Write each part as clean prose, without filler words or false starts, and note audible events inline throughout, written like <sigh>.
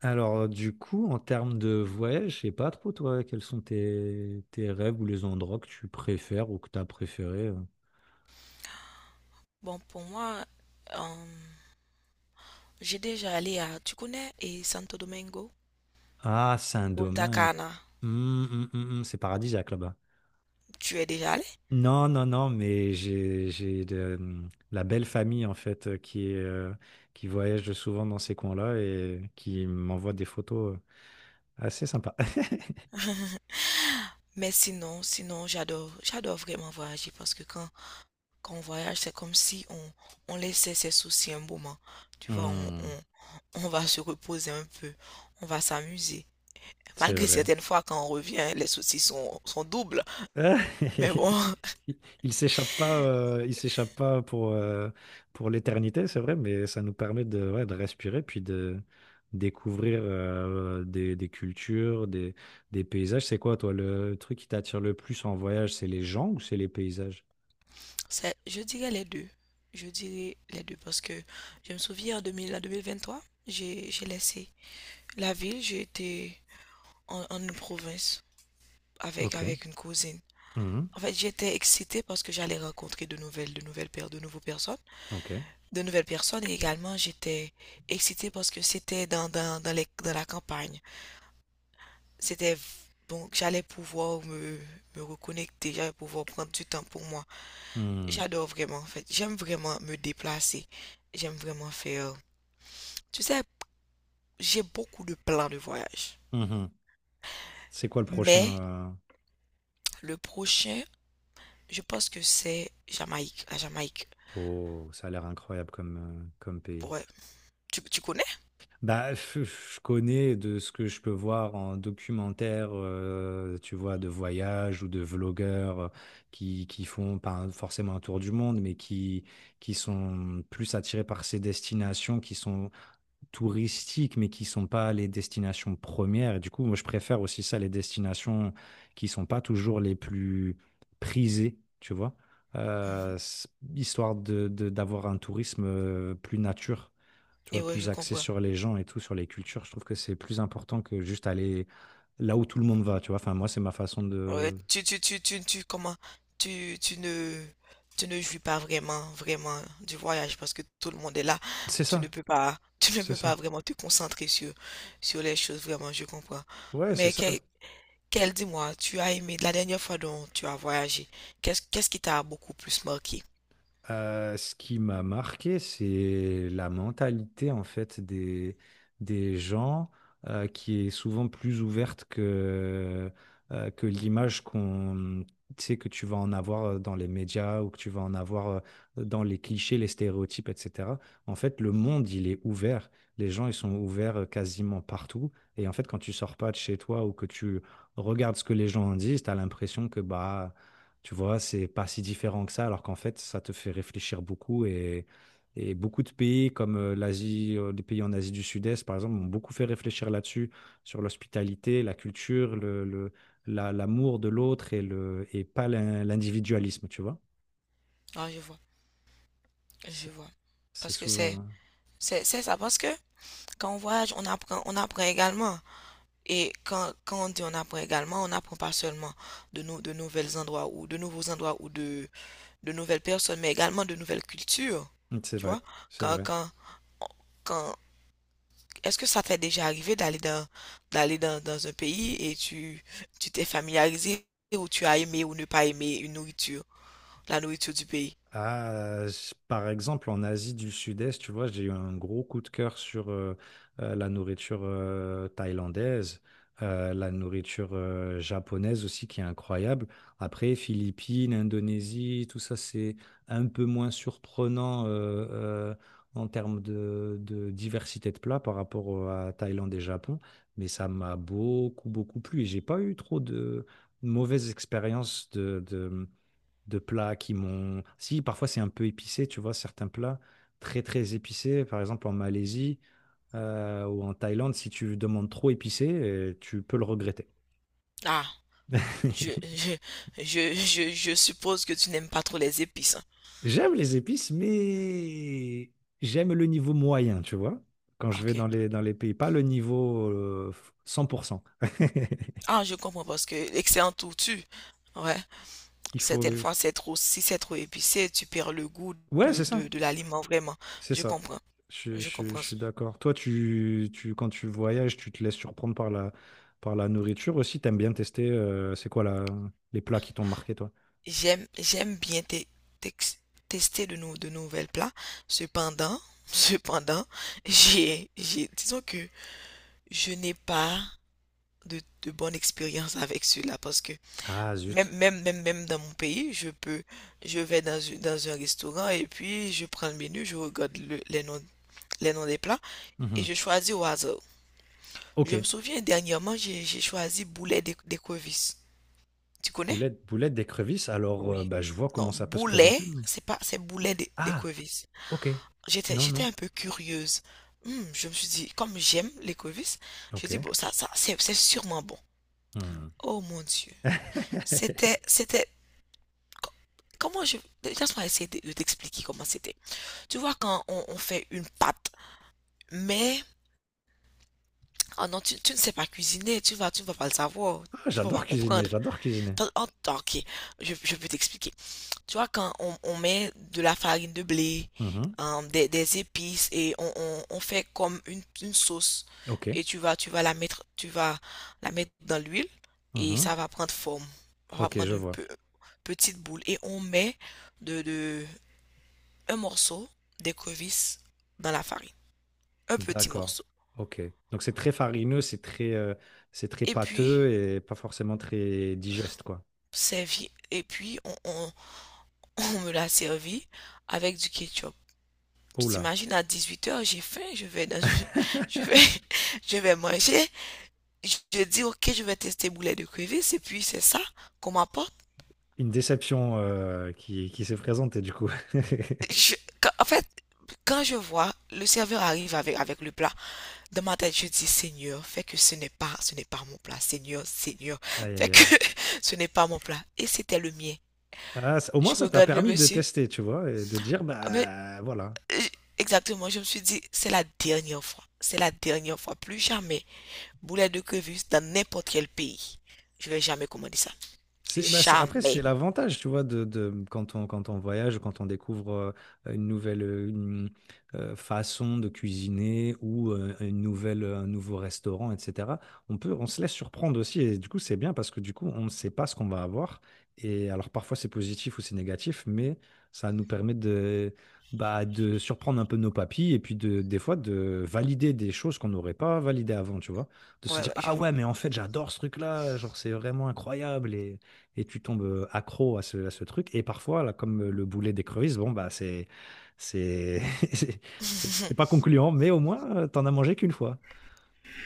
Alors, du coup, en termes de voyage, je sais pas trop, toi, quels sont tes rêves ou les endroits que tu préfères ou que tu as préféré. Bon, pour moi, euh, j'ai déjà allé à, tu connais, et Santo Domingo, Ah, Punta Saint-Domingue. Cana, C'est paradisiaque là-bas. tu es déjà allé? Non, non, non, mais j'ai la belle famille, en fait, qui est, qui voyage souvent dans ces coins-là et qui m'envoie des photos assez sympas. <laughs> Mais sinon, j'adore vraiment voyager parce que quand on voyage, c'est comme si on laissait ses soucis un moment. Tu vois, Hum, on va se reposer un peu, on va s'amuser. c'est Malgré vrai. certaines fois, quand on revient, les soucis sont doubles. Ah, Mais <laughs> bon, <laughs> Il il s'échappe pas, il s'échappe pas pour, pour l'éternité, c'est vrai, mais ça nous permet de, ouais, de respirer, puis de découvrir des cultures, des paysages. C'est quoi, toi, le truc qui t'attire le plus en voyage, c'est les gens ou c'est les paysages? c'est, je dirais les deux. Je dirais les deux parce que je me souviens en 2000 en trois, j'ai laissé la ville, j'étais en une province Ok. avec une cousine. Mhm. En fait, j'étais excitée parce que j'allais rencontrer de nouvelles paires, Ok. de nouvelles personnes. Et également, j'étais excitée parce que c'était dans la campagne. C'était donc j'allais pouvoir me reconnecter, j'allais pouvoir prendre du temps pour moi. Mhm. J'adore vraiment, en fait. J'aime vraiment me déplacer. J'aime vraiment faire. Tu sais, j'ai beaucoup de plans de voyage. Mhm. C'est quoi le prochain? Mais le prochain, je pense que c'est Jamaïque, la Jamaïque. Oh, ça a l'air incroyable comme, comme pays. Ouais, tu connais? Bah, je connais de ce que je peux voir en documentaire, tu vois, de voyage ou de vlogueurs qui font pas forcément un tour du monde, qui sont plus attirés par ces destinations qui sont touristiques, mais qui sont pas les destinations premières. Et du coup, moi, je préfère aussi ça, les destinations qui sont pas toujours les plus prisées, tu vois. Mhm. Euh, s- Histoire de, d'avoir un tourisme plus nature, tu Et vois, ouais, je plus axé comprends. sur les gens et tout, sur les cultures. Je trouve que c'est plus important que juste aller là où tout le monde va, tu vois. Enfin, moi, c'est ma façon Ouais, de... tu, comment, tu, tu ne jouis pas vraiment du voyage parce que tout le monde est là. C'est ça, Tu ne c'est peux pas ça. vraiment te concentrer sur les choses, vraiment, je comprends. Ouais, c'est Mais ça. Dis-moi, tu as aimé la dernière fois dont tu as voyagé, qu'est-ce qui t'a beaucoup plus marqué? Ce qui m'a marqué, c'est la mentalité en fait des gens qui est souvent plus ouverte que l'image tu sais, que tu vas en avoir dans les médias ou que tu vas en avoir dans les clichés, les stéréotypes, etc. En fait, le monde, il est ouvert. Les gens, ils sont ouverts quasiment partout. Et en fait, quand tu sors pas de chez toi ou que tu regardes ce que les gens en disent, tu as l'impression que bah tu vois, c'est pas si différent que ça, alors qu'en fait, ça te fait réfléchir beaucoup et beaucoup de pays comme l'Asie, les pays en Asie du Sud-Est, par exemple, m'ont beaucoup fait réfléchir là-dessus, sur l'hospitalité, la culture, l'amour de l'autre et le, et pas l'in- l'individualisme, tu vois. Ah, je vois, C'est je vois. c'est Parce que souvent, c'est ça, parce que quand on voyage, on apprend également. Et quand on dit on apprend également, on n'apprend pas seulement de, de nouvelles endroits ou de nouveaux endroits ou de nouvelles personnes, mais également de nouvelles cultures. hein. C'est Tu vois? vrai, c'est Quand, vrai. quand, quand, est-ce que ça t'est déjà arrivé d'aller d'aller dans, dans un pays et tu t'es familiarisé ou tu as aimé ou ne pas aimé une nourriture, la nourriture du pays? Par exemple, en Asie du Sud-Est, tu vois, j'ai eu un gros coup de cœur sur la nourriture thaïlandaise, la nourriture japonaise aussi, qui est incroyable. Après, Philippines, Indonésie, tout ça, c'est un peu moins surprenant euh, en termes de diversité de plats par rapport à Thaïlande et Japon, mais ça m'a beaucoup, beaucoup plu et j'ai pas eu trop de mauvaises expériences de plats qui m'ont... Si, parfois c'est un peu épicé, tu vois, certains plats très très épicés, par exemple en Malaisie ou en Thaïlande, si tu demandes trop épicé, tu peux le regretter. Ah, je, <laughs> je, je suppose que tu n'aimes pas trop les épices, hein. J'aime les épices, mais j'aime le niveau moyen, tu vois, quand je Ok. vais dans les pays, pas le niveau 100%. <laughs> Ah, je comprends parce que excellent tortue. Ouais. Il faut... Certaines il fois, faut- c'est trop, si c'est trop épicé, tu perds le goût Ouais, c'est ça. De l'aliment, vraiment. C'est Je ça. comprends. Je comprends. Je suis d'accord. Toi, quand tu voyages, tu te laisses surprendre par la nourriture aussi. T'aimes bien tester, c'est quoi la, les plats qui t'ont marqué, toi? J'aime, j'aime bien tex- tester de, de nouvelles plats. Cependant, <laughs> cependant, j'ai, disons que je n'ai pas de bonne expérience avec cela parce que Ah, zut. Même dans mon pays, je vais dans, dans un restaurant et puis je prends le menu, je regarde les noms des plats, et Mhm. je choisis au hasard. Ok. Je me souviens dernièrement, j'ai choisi boulet d'écrevisse. Tu connais? Boulette, boulette d'écrevisse. Alors, Oui. bah, je vois Non, comment ça peut se boulet, présenter. Mais... c'est pas, c'est boulet Ah, d'écrevisse. ok. J'étais, Non, j'étais non. un peu curieuse. Hmm, je me suis dit, comme j'aime l'écrevisse, je Ok. dis, bon, c'est sûrement bon. Hmm. Oh mon Dieu. <laughs> C'était, c'était, co- comment je, laisse-moi essayer de t'expliquer comment c'était. Tu vois, quand on fait une pâte, mais, ah non, tu ne sais pas cuisiner, tu ne vas pas le savoir, Ah, tu ne vas pas j'adore cuisiner, comprendre. j'adore cuisiner. Ok, je peux t'expliquer. Tu vois, quand on met de la farine de blé, Mhm. hein, des épices et on fait comme une sauce Ok. et tu vas la mettre, tu vas la mettre dans l'huile et Mhm. ça va prendre forme. Ça va Ok, je prendre une vois. Petite boule et on met de un morceau d'écrevisse dans la farine, un petit D'accord. morceau. Ok. Donc c'est très farineux, c'est très Et puis pâteux et pas forcément très digeste, quoi. servi, et puis <laughs> on me l'a servi avec du ketchup. Tu Oh là. t'imagines, à 18 heures, j'ai faim, je vais dans, je <laughs> vais, <laughs> je vais manger. Je dis, ok, je vais tester boulet de crevettes et puis c'est ça qu'on m'apporte. Une déception qui s'est présentée, du coup. <laughs> Je- en fait, quand je vois le serveur arrive avec le plat, dans ma tête, je dis, Seigneur, fais que ce n'est pas mon plat. Seigneur, Seigneur, Aïe, fais aïe, que aïe. <laughs> ce n'est pas mon plat. Et c'était le mien. Ah, ça- au moins, Je ça t'a regarde le permis de monsieur. tester, tu vois, et de dire, Ah, mais, bah voilà. euh, exactement, je me suis dit, c'est la dernière fois. C'est la dernière fois, plus jamais. Boulet de crevettes dans n'importe quel pays. Je vais jamais commander ça. C'est, bah, c'est- après, c'est Jamais. l'avantage, tu vois, de- quand on, quand on voyage, quand on découvre une nouvelle façon de cuisiner ou un nouveau restaurant, etc. On peut, on se laisse surprendre aussi. Et du coup, c'est bien parce que du coup, on ne sait pas ce qu'on va avoir. Et alors, parfois, c'est positif ou c'est négatif, mais ça nous permet de, bah, de surprendre un peu nos papilles et puis de, des fois de valider des choses qu'on n'aurait pas validées avant, tu vois. De se Ouais, dire, ouais, je ah vois. ouais, mais en fait, j'adore ce truc-là, genre, c'est vraiment incroyable. Et tu tombes accro à ce truc. Et parfois, là, comme le boulet d'écrevisse, bon, bah, c'est, <laughs> c'est c'est pas concluant, mais au moins, t'en as mangé qu'une fois,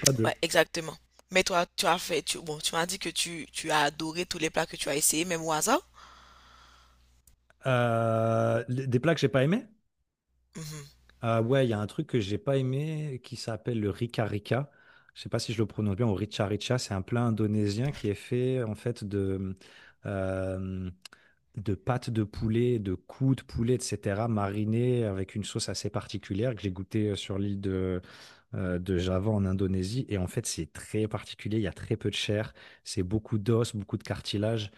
pas Ouais, deux. exactement. Mais toi, tu as fait, tu, bon, tu m'as dit que tu as adoré tous les plats que tu as essayés, même au hasard. Des plats que j'ai pas aimé? Mhm. Ouais, il y a un truc que j'ai pas aimé qui s'appelle le Rika Rika. Je sais pas si je le prononce bien, ou Richa Richa, c'est un plat indonésien qui est fait en fait euh, de pâtes de poulet, de coups de poulet, etc., marinées avec une sauce assez particulière que j'ai goûté sur l'île de Java en Indonésie. Et en fait, c'est très particulier, il y a très peu de chair, c'est beaucoup d'os, beaucoup de cartilage.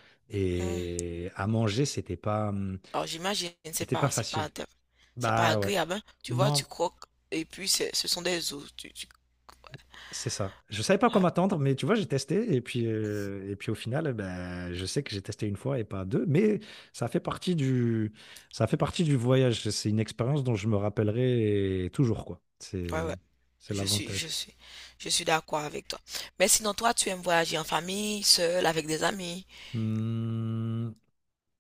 Hmm. Et à manger, Alors j'imagine, c'était pas facile. c'est pas Bah ouais. agréable, hein. Tu vois, tu Non, croques et puis ce sont des os. Tu- c'est ça. Je savais pas quoi Ouais, m'attendre, mais tu vois, j'ai testé. Et puis au final, ben, je sais que j'ai testé une fois et pas deux. Mais ça fait partie du, ça fait partie du voyage. C'est une expérience dont je me rappellerai toujours, quoi. Ouais, ouais. C'est Je suis, je l'avantage. suis, je suis d'accord avec toi. Mais sinon, toi, tu aimes voyager en famille, seul, avec des amis. Hmm,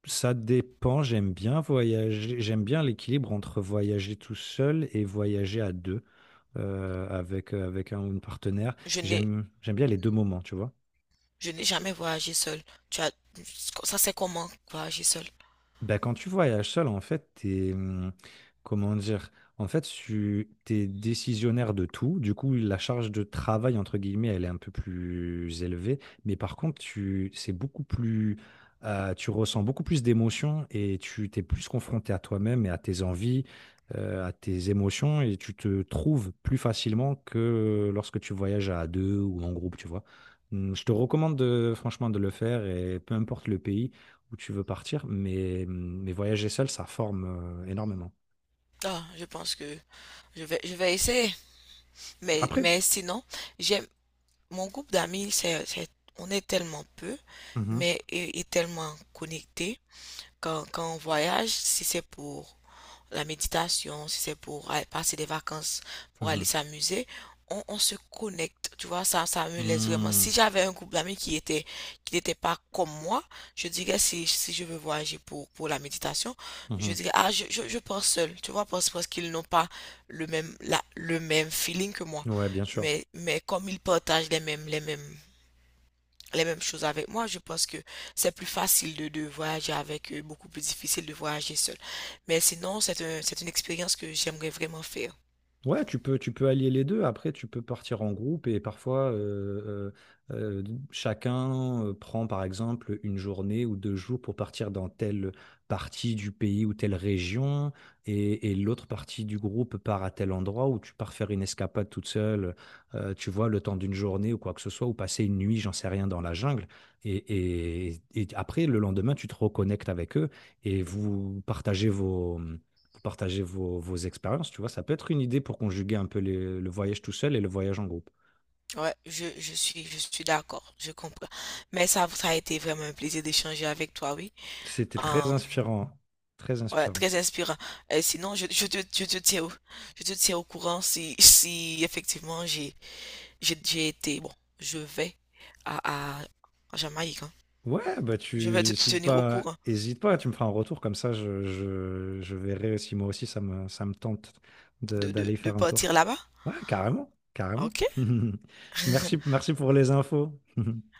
ça dépend, j'aime bien voyager, j'aime bien l'équilibre entre voyager tout seul et voyager à deux avec un ou une partenaire. Je n'ai, J'aime bien les deux moments, tu vois. je n'ai jamais voyagé seul. Tu as... Ça, c'est comment voyager seul? Bah, quand tu voyages seul, en fait, comment dire, tu t'es décisionnaire de tout. Du coup, la charge de travail, entre guillemets, elle est un peu plus élevée. Mais par contre, tu, c'est beaucoup plus, tu ressens beaucoup plus d'émotions et tu t'es plus confronté à toi-même et à tes envies, à tes émotions et tu te trouves plus facilement que lorsque tu voyages à deux ou en groupe, tu vois. Je te recommande franchement de le faire et peu importe le pays où tu veux partir, mais voyager seul, ça forme énormément. Ah, je pense que je vais essayer. Après, Mais sinon, j'aime mon groupe d'amis, on est tellement peu, mhm, mais et tellement connectés. Quand on voyage, si c'est pour la méditation, si c'est pour aller passer des vacances, pour mhm, aller s'amuser, on se connecte. Tu vois, ça me laisse vraiment. Si mhm, j'avais un groupe d'amis qui était, qui n'était pas comme moi, je dirais si je veux voyager pour la méditation, je dirais, ah, je pars seul, tu vois, parce qu'ils n'ont pas le même, la, le même feeling que moi. mhm. Ouais, bien sûr. Mais comme ils partagent les mêmes choses avec moi. Je pense que c'est plus facile de voyager avec eux, beaucoup plus difficile de voyager seul. Mais sinon, c'est une expérience que j'aimerais vraiment faire. Ouais, tu peux allier les deux. Après, tu peux partir en groupe et parfois, euh, euh, chacun prend par exemple une journée ou deux jours pour partir dans telle partie du pays ou telle région et l'autre partie du groupe part à tel endroit où tu pars faire une escapade toute seule, tu vois, le temps d'une journée ou quoi que ce soit, ou passer une nuit, j'en sais rien, dans la jungle. Et après, le lendemain, tu te reconnectes avec eux et vous partagez vos partager vos, vos expériences, tu vois, ça peut être une idée pour conjuguer un peu le voyage tout seul et le voyage en groupe. Ouais, je suis d'accord, je comprends. Mais ça a été vraiment un plaisir d'échanger avec toi, oui. C'était très Euh, inspirant, très ouais, inspirant. très inspirant. Et sinon, je te tiens au, je te tiens au courant si, si effectivement j'ai été, bon, je vais à, à, en Jamaïque, hein. Ouais, bah Je tu vais te hésites tenir au pas, courant hésite pas, tu me feras un retour comme ça, je verrai si moi aussi ça me tente d'aller de faire un tour. partir là-bas. Ouais, carrément, carrément. Ok? <laughs> Merci, merci pour les infos. <laughs>